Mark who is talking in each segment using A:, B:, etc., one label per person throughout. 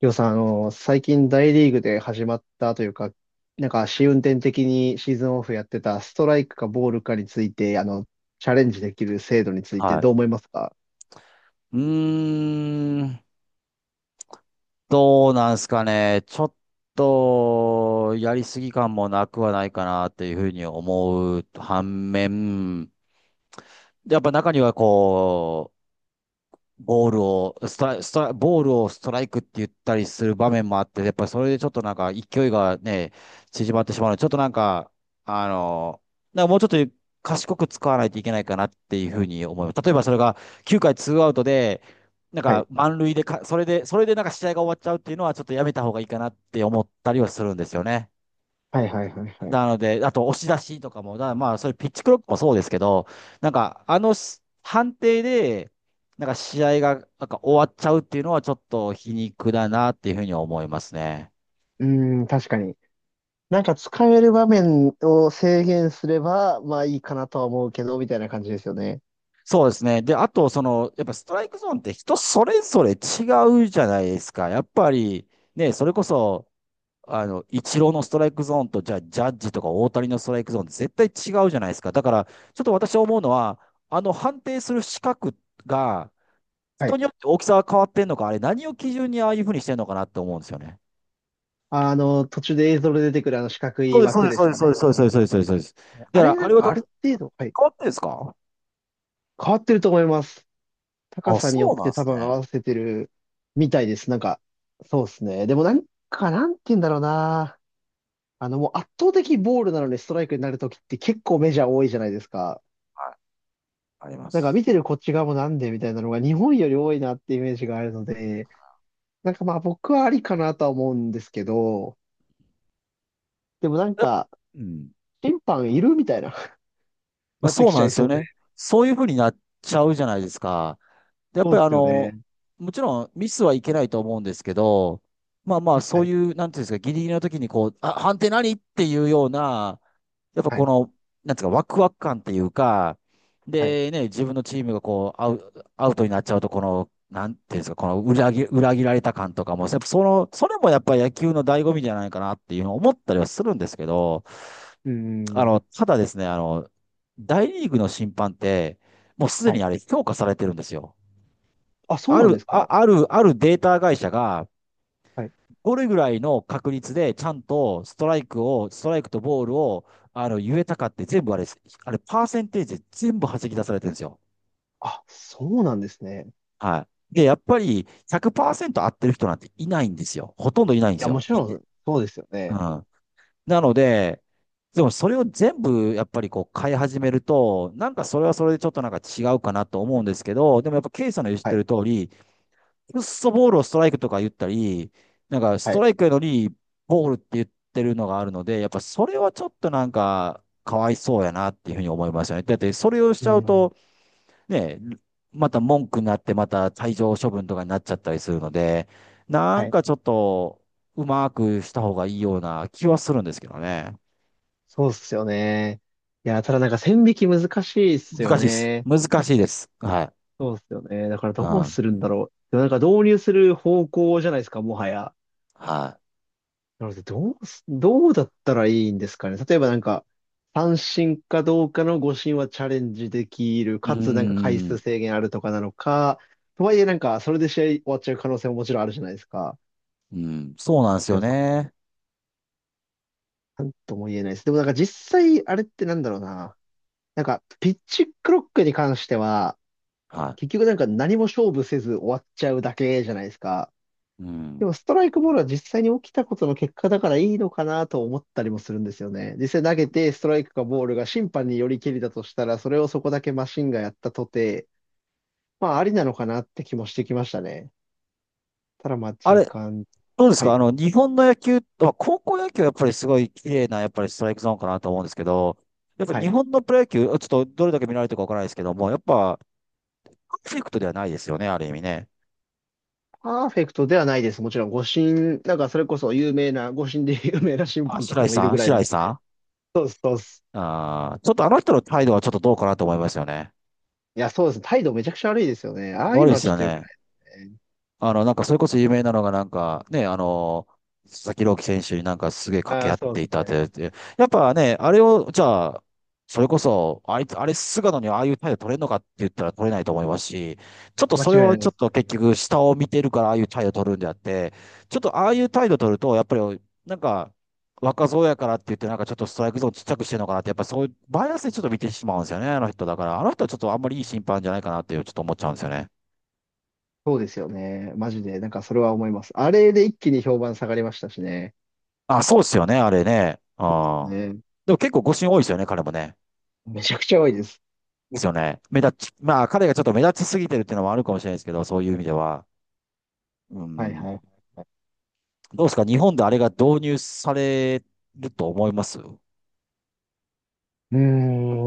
A: りょうさん、最近大リーグで始まったというか、なんか試運転的にシーズンオフやってたストライクかボールかについて、チャレンジできる制度について
B: はい。
A: どう思いますか？
B: うーん、どうなんすかね。ちょっと、やりすぎ感もなくはないかなっていうふうに思う反面、やっぱ中にはこう、ボールを、ストライ、ストライ、ボールをストライクって言ったりする場面もあって、やっぱりそれでちょっとなんか勢いがね、縮まってしまうので、ちょっとなんか、あの、なんかもうちょっと賢く使わないといけないかなっていうふうに思います。例えばそれが9回ツーアウトで、なん
A: は
B: か
A: い。
B: 満塁でか、それでなんか試合が終わっちゃうっていうのはちょっとやめた方がいいかなって思ったりはするんですよね。
A: はいはいはいはい。
B: なので、あと押し出しとかも、だからまあ、それピッチクロックもそうですけど、なんか、あのし判定で、なんか試合がなんか終わっちゃうっていうのはちょっと皮肉だなっていうふうに思いますね。
A: うーん、確かに。なんか使える場面を制限すれば、まあいいかなとは思うけど、みたいな感じですよね。
B: そうですね。で、あと、やっぱストライクゾーンって人それぞれ違うじゃないですか。やっぱり、ね、それこそ、イチローのストライクゾーンと、じゃあ、ジャッジとか大谷のストライクゾーンって絶対違うじゃないですか。だから、ちょっと私思うのは、あの判定する資格が、
A: は
B: 人
A: い。
B: によって大きさが変わってんのか、あれ何を基準にああいうふうにしてんのかなって思うんですよね。
A: 途中で映像で出てくるあの四角
B: そう
A: い
B: です、そう
A: 枠
B: です、
A: で
B: そう
A: す
B: で
A: か
B: す、そうで
A: ね？
B: す、そうです、そうです、そうです。そうです。だ
A: あ
B: か
A: れ
B: ら、
A: な
B: あ
A: ん
B: れは
A: か
B: だっ
A: あ
B: て
A: る程度、はい。
B: 変わってんですか？
A: 変わってると思います。高
B: あ、
A: さによ
B: そ
A: っ
B: うなん
A: て
B: で
A: 多
B: す
A: 分合
B: ね。
A: わせてるみたいです。なんか、そうですね。でもなんか、なんて言うんだろうな。もう圧倒的ボールなのにストライクになるときって結構メジャー多いじゃないですか。
B: はい。ありま
A: なんか
B: す。
A: 見てるこっち側もなんでみたいなのが日本より多いなってイメージがあるので、なんかまあ僕はありかなとは思うんですけど、でもなん
B: やっ
A: か、
B: うん。
A: 審判いるみたいな、
B: まあ、
A: なって
B: そう
A: きち
B: な
A: ゃ
B: んで
A: い
B: すよ
A: そうで。
B: ね。そういうふうになっちゃうじゃないですか。でやっ
A: そうっ
B: ぱり
A: すよね。
B: もちろんミスはいけないと思うんですけど、まあまあ、
A: は
B: そう
A: い、
B: いう、なんていうんですか、ギリギリの時にこう、あ、判定何っていうような、やっぱ
A: は
B: こ
A: い、
B: の、なんつうか、ワクワク感っていうか、
A: はい。
B: でね、自分のチームがこう、アウトになっちゃうと、この、なんていうんですか、この裏切られた感とかも、やっぱそれもやっぱり野球の醍醐味じゃないかなっていうのを思ったりはするんですけど、
A: うーん。
B: ただですね、大リーグの審判って、もうすで
A: は
B: に
A: い。
B: あれ、評価されてるんですよ。
A: あ、そう
B: あ
A: なんで
B: る、
A: す
B: あ、
A: か。
B: ある、あるデータ会社が、
A: はい。
B: どれぐらいの確率でちゃんとストライクを、ストライクとボールを、あの、言えたかって全部あれ、パーセンテージで全部弾き出されてるんですよ。
A: あ、そうなんですね。
B: はい。で、やっぱり100%合ってる人なんていないんですよ。ほとんどいないんです
A: や、も
B: よ。
A: ちろん、そうですよ
B: う
A: ね。
B: ん。なので、でもそれを全部やっぱりこう変え始めると、なんかそれはそれでちょっとなんか違うかなと思うんですけど、でもやっぱケイさんの言っ
A: は
B: て
A: い。
B: る通り、くっそボールをストライクとか言ったり、なんかス
A: は
B: ト
A: い。
B: ライクやのにボールって言ってるのがあるので、やっぱそれはちょっとなんかかわいそうやなっていうふうに思いますよね。だってそれをし
A: う
B: ちゃう
A: ん。
B: と、ね、また文句になってまた退場処分とかになっちゃったりするので、な
A: は
B: ん
A: い。
B: かちょっとうまくした方がいいような気はするんですけどね。
A: そうっすよね。いや、ただなんか線引き難しいっすよ
B: 難しいです。
A: ね。
B: 難しいです。はい。
A: そうっすよね。だから
B: う
A: どう
B: ん。
A: するんだろう。でもなんか導入する方向じゃないですか、もはや。
B: は
A: なので、どうだったらいいんですかね。例えばなんか、三振かどうかの五振はチャレンジできる。
B: い。う
A: かつなんか回
B: ー
A: 数
B: ん。
A: 制限あるとかなのか。とはいえなんか、それで試合終わっちゃう可能性ももちろんあるじゃないですか。
B: うん。そうなんですよね。
A: なんとも言えないです。でもなんか実際、あれってなんだろうな。なんか、ピッチクロックに関しては、
B: は
A: 結局なんか何も勝負せず終わっちゃうだけじゃないですか。
B: い。う
A: でも
B: ん。
A: ストライクボールは実際に起きたことの結果だからいいのかなと思ったりもするんですよね。実際投げてストライクかボールが審判によりけりだとしたら、それをそこだけマシンがやったとて、まあありなのかなって気もしてきましたね。ただまあ
B: あ
A: 時
B: れ、
A: 間。
B: どうです
A: は
B: か
A: い。
B: 日本の野球、まあ高校野球はやっぱりすごい綺麗な、やっぱりストライクゾーンかなと思うんですけど、やっぱ
A: は
B: 日
A: い。
B: 本のプロ野球、ちょっとどれだけ見られてるかわからないですけども、やっぱ、パーフェクトではないですよね、ある意味ね。
A: パーフェクトではないです。もちろん、誤審、なんかそれこそ有名な、誤審で 有名な審
B: あ、
A: 判とか
B: 白井
A: もいる
B: さ
A: ぐ
B: ん
A: らい
B: 白
A: な。
B: 井さん。
A: そうです、そうです。
B: あーちょっとあの人の態度はちょっとどうかなと思いますよね。
A: いや、そうです。態度めちゃくちゃ悪いですよね。ああいう
B: 悪い
A: の
B: で
A: は
B: す
A: ちょっ
B: よ
A: と良く
B: ね。
A: ないね。
B: なんか、それこそ有名なのが、なんか、ね、佐々木朗希選手になんかすげえ掛
A: あ
B: け合
A: あ、
B: っ
A: そう
B: て
A: で
B: い
A: す
B: たっ
A: ね。
B: て、やっぱね、あれを、じゃあ、それこそ、あいつ、あれ、菅野にああいう態度取れるのかって言ったら取れないと思いますし、ちょっと
A: 間違
B: それ
A: いな
B: は
A: い
B: ち
A: で
B: ょっ
A: す。
B: と結局、下を見てるからああいう態度取るんであって、ちょっとああいう態度取ると、やっぱり、なんか、若造やからって言って、なんかちょっとストライクゾーンちっちゃくしてるのかなって、やっぱそういう、バイアスでちょっと見てしまうんですよね、あの人だから。あの人はちょっとあんまりいい審判じゃないかなっていう、ちょっと思っちゃうんですよね。
A: そうですよね。マジで、なんかそれは思います。あれで一気に評判下がりましたしね。
B: あ、そうですよね、あれね。あ。
A: ね。
B: でも結構誤審多いですよね、彼もね。
A: めちゃくちゃ多いです。
B: ですよね。目立ち、まあ彼がちょっと目立ちすぎてるっていうのもあるかもしれないですけど、そういう意味では。う
A: はい
B: ん。
A: はい。
B: どうですか、日本であれが導入されると思います。ま
A: う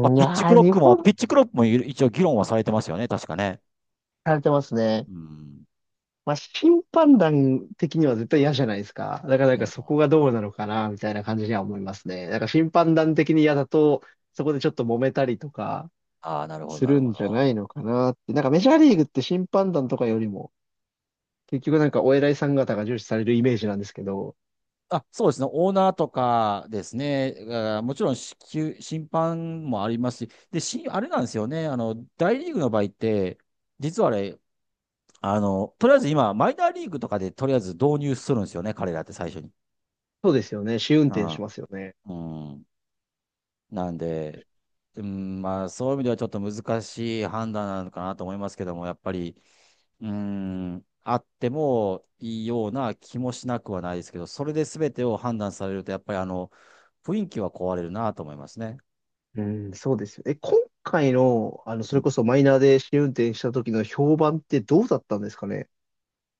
B: あ、
A: ん、い
B: ピッチク
A: やー、
B: ロッ
A: 日
B: クも、
A: 本、
B: ピッチクロックも一応議論はされてますよね、確かね。
A: されてますね。
B: うん。
A: まあ、審判団的には絶対嫌じゃないですか。だからな
B: い
A: ん
B: や
A: か
B: だと
A: そ
B: 思い
A: こ
B: ま
A: が
B: す。
A: どうなのかな、みたいな感じには思いますね。だから審判団的に嫌だと、そこでちょっと揉めたりとか
B: ああ、なるほど、
A: す
B: なる
A: る
B: ほ
A: ん
B: ど。
A: じゃないのかなって。なんかメジャーリーグって審判団とかよりも、結局なんかお偉いさん方が重視されるイメージなんですけど、
B: あ、そうですね。オーナーとかですね。あーもちろん支給、審判もありますし。で、し、あれなんですよね。あの、大リーグの場合って、実はあれ、あの、とりあえず今、マイナーリーグとかでとりあえず導入するんですよね。彼らって最初に。
A: そうですよね。試運
B: う
A: 転しますよね。
B: ん。うん。なんで、うん、まあ、そういう意味ではちょっと難しい判断なのかなと思いますけども、やっぱり、うーん、あってもいいような気もしなくはないですけど、それで全てを判断されると、やっぱりあの、雰囲気は壊れるなと思いますね。
A: うん、そうですよね。今回の、そ
B: う
A: れ
B: ん。
A: こそマイナーで試運転した時の評判ってどうだったんですかね？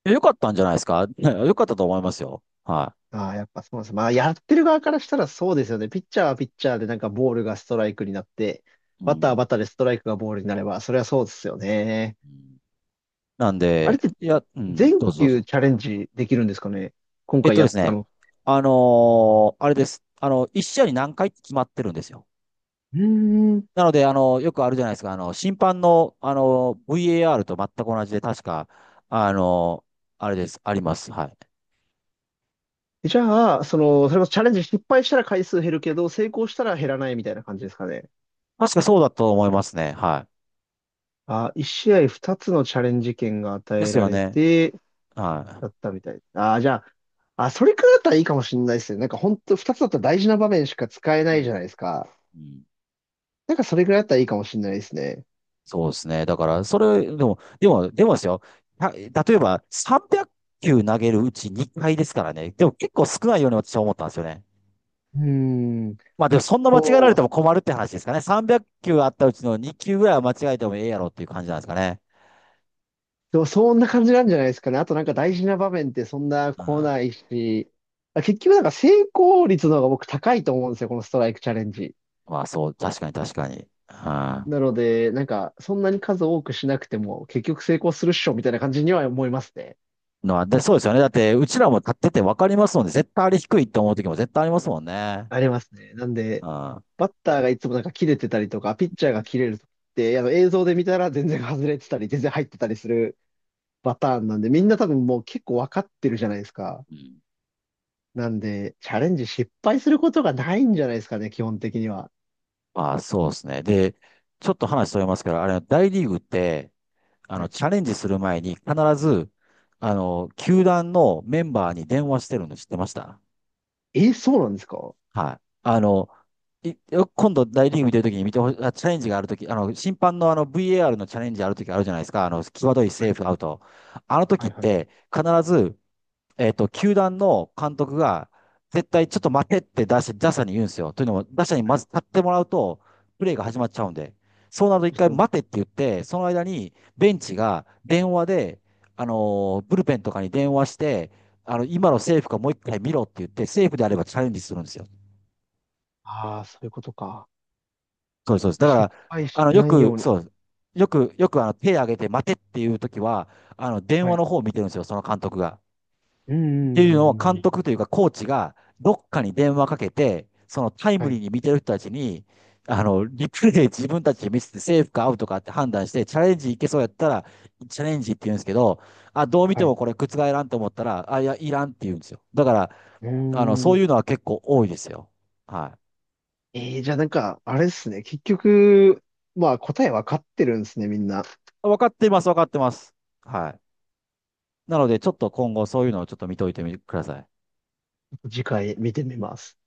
B: よかったんじゃないですかね よかったと思いますよ。は
A: ああ、やっぱそうです。まあ、やってる側からしたらそうですよね。ピッチャーはピッチャーでなんかボールがストライクになって、
B: い。う
A: バッターは
B: ん。
A: バッターでストライクがボールになれば、それはそうですよね。
B: うん。なん
A: あれっ
B: で、
A: て
B: いや、うん、
A: 全
B: どうぞどう
A: 球
B: ぞ。
A: チャレンジできるんですかね、今回や
B: で
A: っ
B: す
A: た
B: ね、
A: の。
B: あれです。一試合に何回って決まってるんですよ。
A: うーん。
B: なので、よくあるじゃないですか、審判の、VAR と全く同じで、確か、あの、あれです。あります。はい。
A: じゃあ、それこそチャレンジ失敗したら回数減るけど、成功したら減らないみたいな感じですかね。
B: 確かそうだと思いますね。は
A: あ、1試合2つのチャレンジ権が与
B: い。で
A: え
B: す
A: ら
B: よ
A: れ
B: ね。
A: て、
B: は
A: だったみたい。ああ、じゃあ、あ、それくらいだったらいいかもしれないですね。なんか本当二つだったら大事な場面しか使えな
B: い。う
A: いじ
B: ん。
A: ゃないですか。
B: うん。
A: なんかそれくらいだったらいいかもしれないですね。
B: そうですね。だから、それ、でもですよ。例えば、300球投げるうち2回ですからね。でも結構少ないように私は思ったんですよね。
A: うーん。
B: まあでも、そんな間違えられ
A: そう。
B: ても困るって話ですかね。300球あったうちの2球ぐらいは間違えてもええやろっていう感じなんですかね。
A: でもそんな感じなんじゃないですかね。あとなんか大事な場面ってそんな
B: う
A: 来な
B: ん。
A: いし。あ、結局なんか成功率の方が僕高いと思うんですよ。このストライクチャレンジ。
B: まあそう、確かに確かに。うん。
A: なので、なんかそんなに数多くしなくても結局成功するっしょみたいな感じには思いますね。
B: のは、で、そうですよね。だって、うちらも立ってて分かりますので、絶対あれ低いって思う時も絶対ありますもんね。
A: ありますね。なん
B: う
A: で、
B: ん。
A: バッターがいつもなんか切れてたりとか、ピッチャーが切れるときって、あの映像で見たら全然外れてたり、全然入ってたりするパターンなんで、みんな多分もう結構わかってるじゃないですか。
B: うん。
A: なんで、チャレンジ失敗することがないんじゃないですかね、基本的には。
B: まあ、そうですね。で、ちょっと話それますけど、あれ、大リーグって、
A: はい。
B: チャレンジする前に必ず、球団のメンバーに電話してるの知ってました？
A: え、そうなんですか？は
B: はい。いよ今度大リーグ見てるときに見てほしい、あ、チャレンジがあるとき、審判のあの VAR のチャレンジあるときあるじゃないですか。際どいセ
A: い。
B: ーフアウト。あのと
A: は
B: きっ
A: い。は
B: て、
A: い。
B: 必ず球団の監督が、絶対ちょっと待てって打者、打者に言うんですよ。というのも、打者に
A: は
B: ま
A: い。
B: ず立ってもらうと、プレーが始まっちゃうんで、そうなると一
A: そうです
B: 回
A: よ
B: 待
A: ね。
B: てって言って、その間にベンチが電話で、ブルペンとかに電話して、今のセーフかもう一回見ろって言って、セーフであればチャレンジするんですよ。
A: ああー、そういうことか。
B: そうです、そうです。だか
A: 失
B: ら、
A: 敗
B: あ
A: し
B: の、よ
A: ない
B: く、
A: ように。
B: そう、よくあの手挙げて待てっていう時は、電
A: は
B: 話
A: い。
B: の方を見てるんですよ、その監督が。
A: うん、
B: って
A: うん、
B: いうのを
A: うん
B: 監
A: うん。
B: 督というかコーチがどっかに電話かけて、そのタイ
A: は
B: ムリ
A: い、
B: ーに見てる人たちに、リプレイ 自分たちで見せてセーフかアウトかって判断して、チャレンジいけそうやったら、チャレンジって言うんですけど、あ、どう見て
A: はい。
B: も
A: う
B: これ覆らんと思ったら、あ、いや、いらんって言うんですよ。だから、
A: ー
B: そう
A: ん。
B: いうのは結構多いですよ。はい。
A: じゃあなんか、あれですね。結局、まあ答えわかってるんですね、みんな。
B: 分かってます、分かってます。はい。なので、ちょっと今後そういうのをちょっと見といてみてください。
A: 次回見てみます。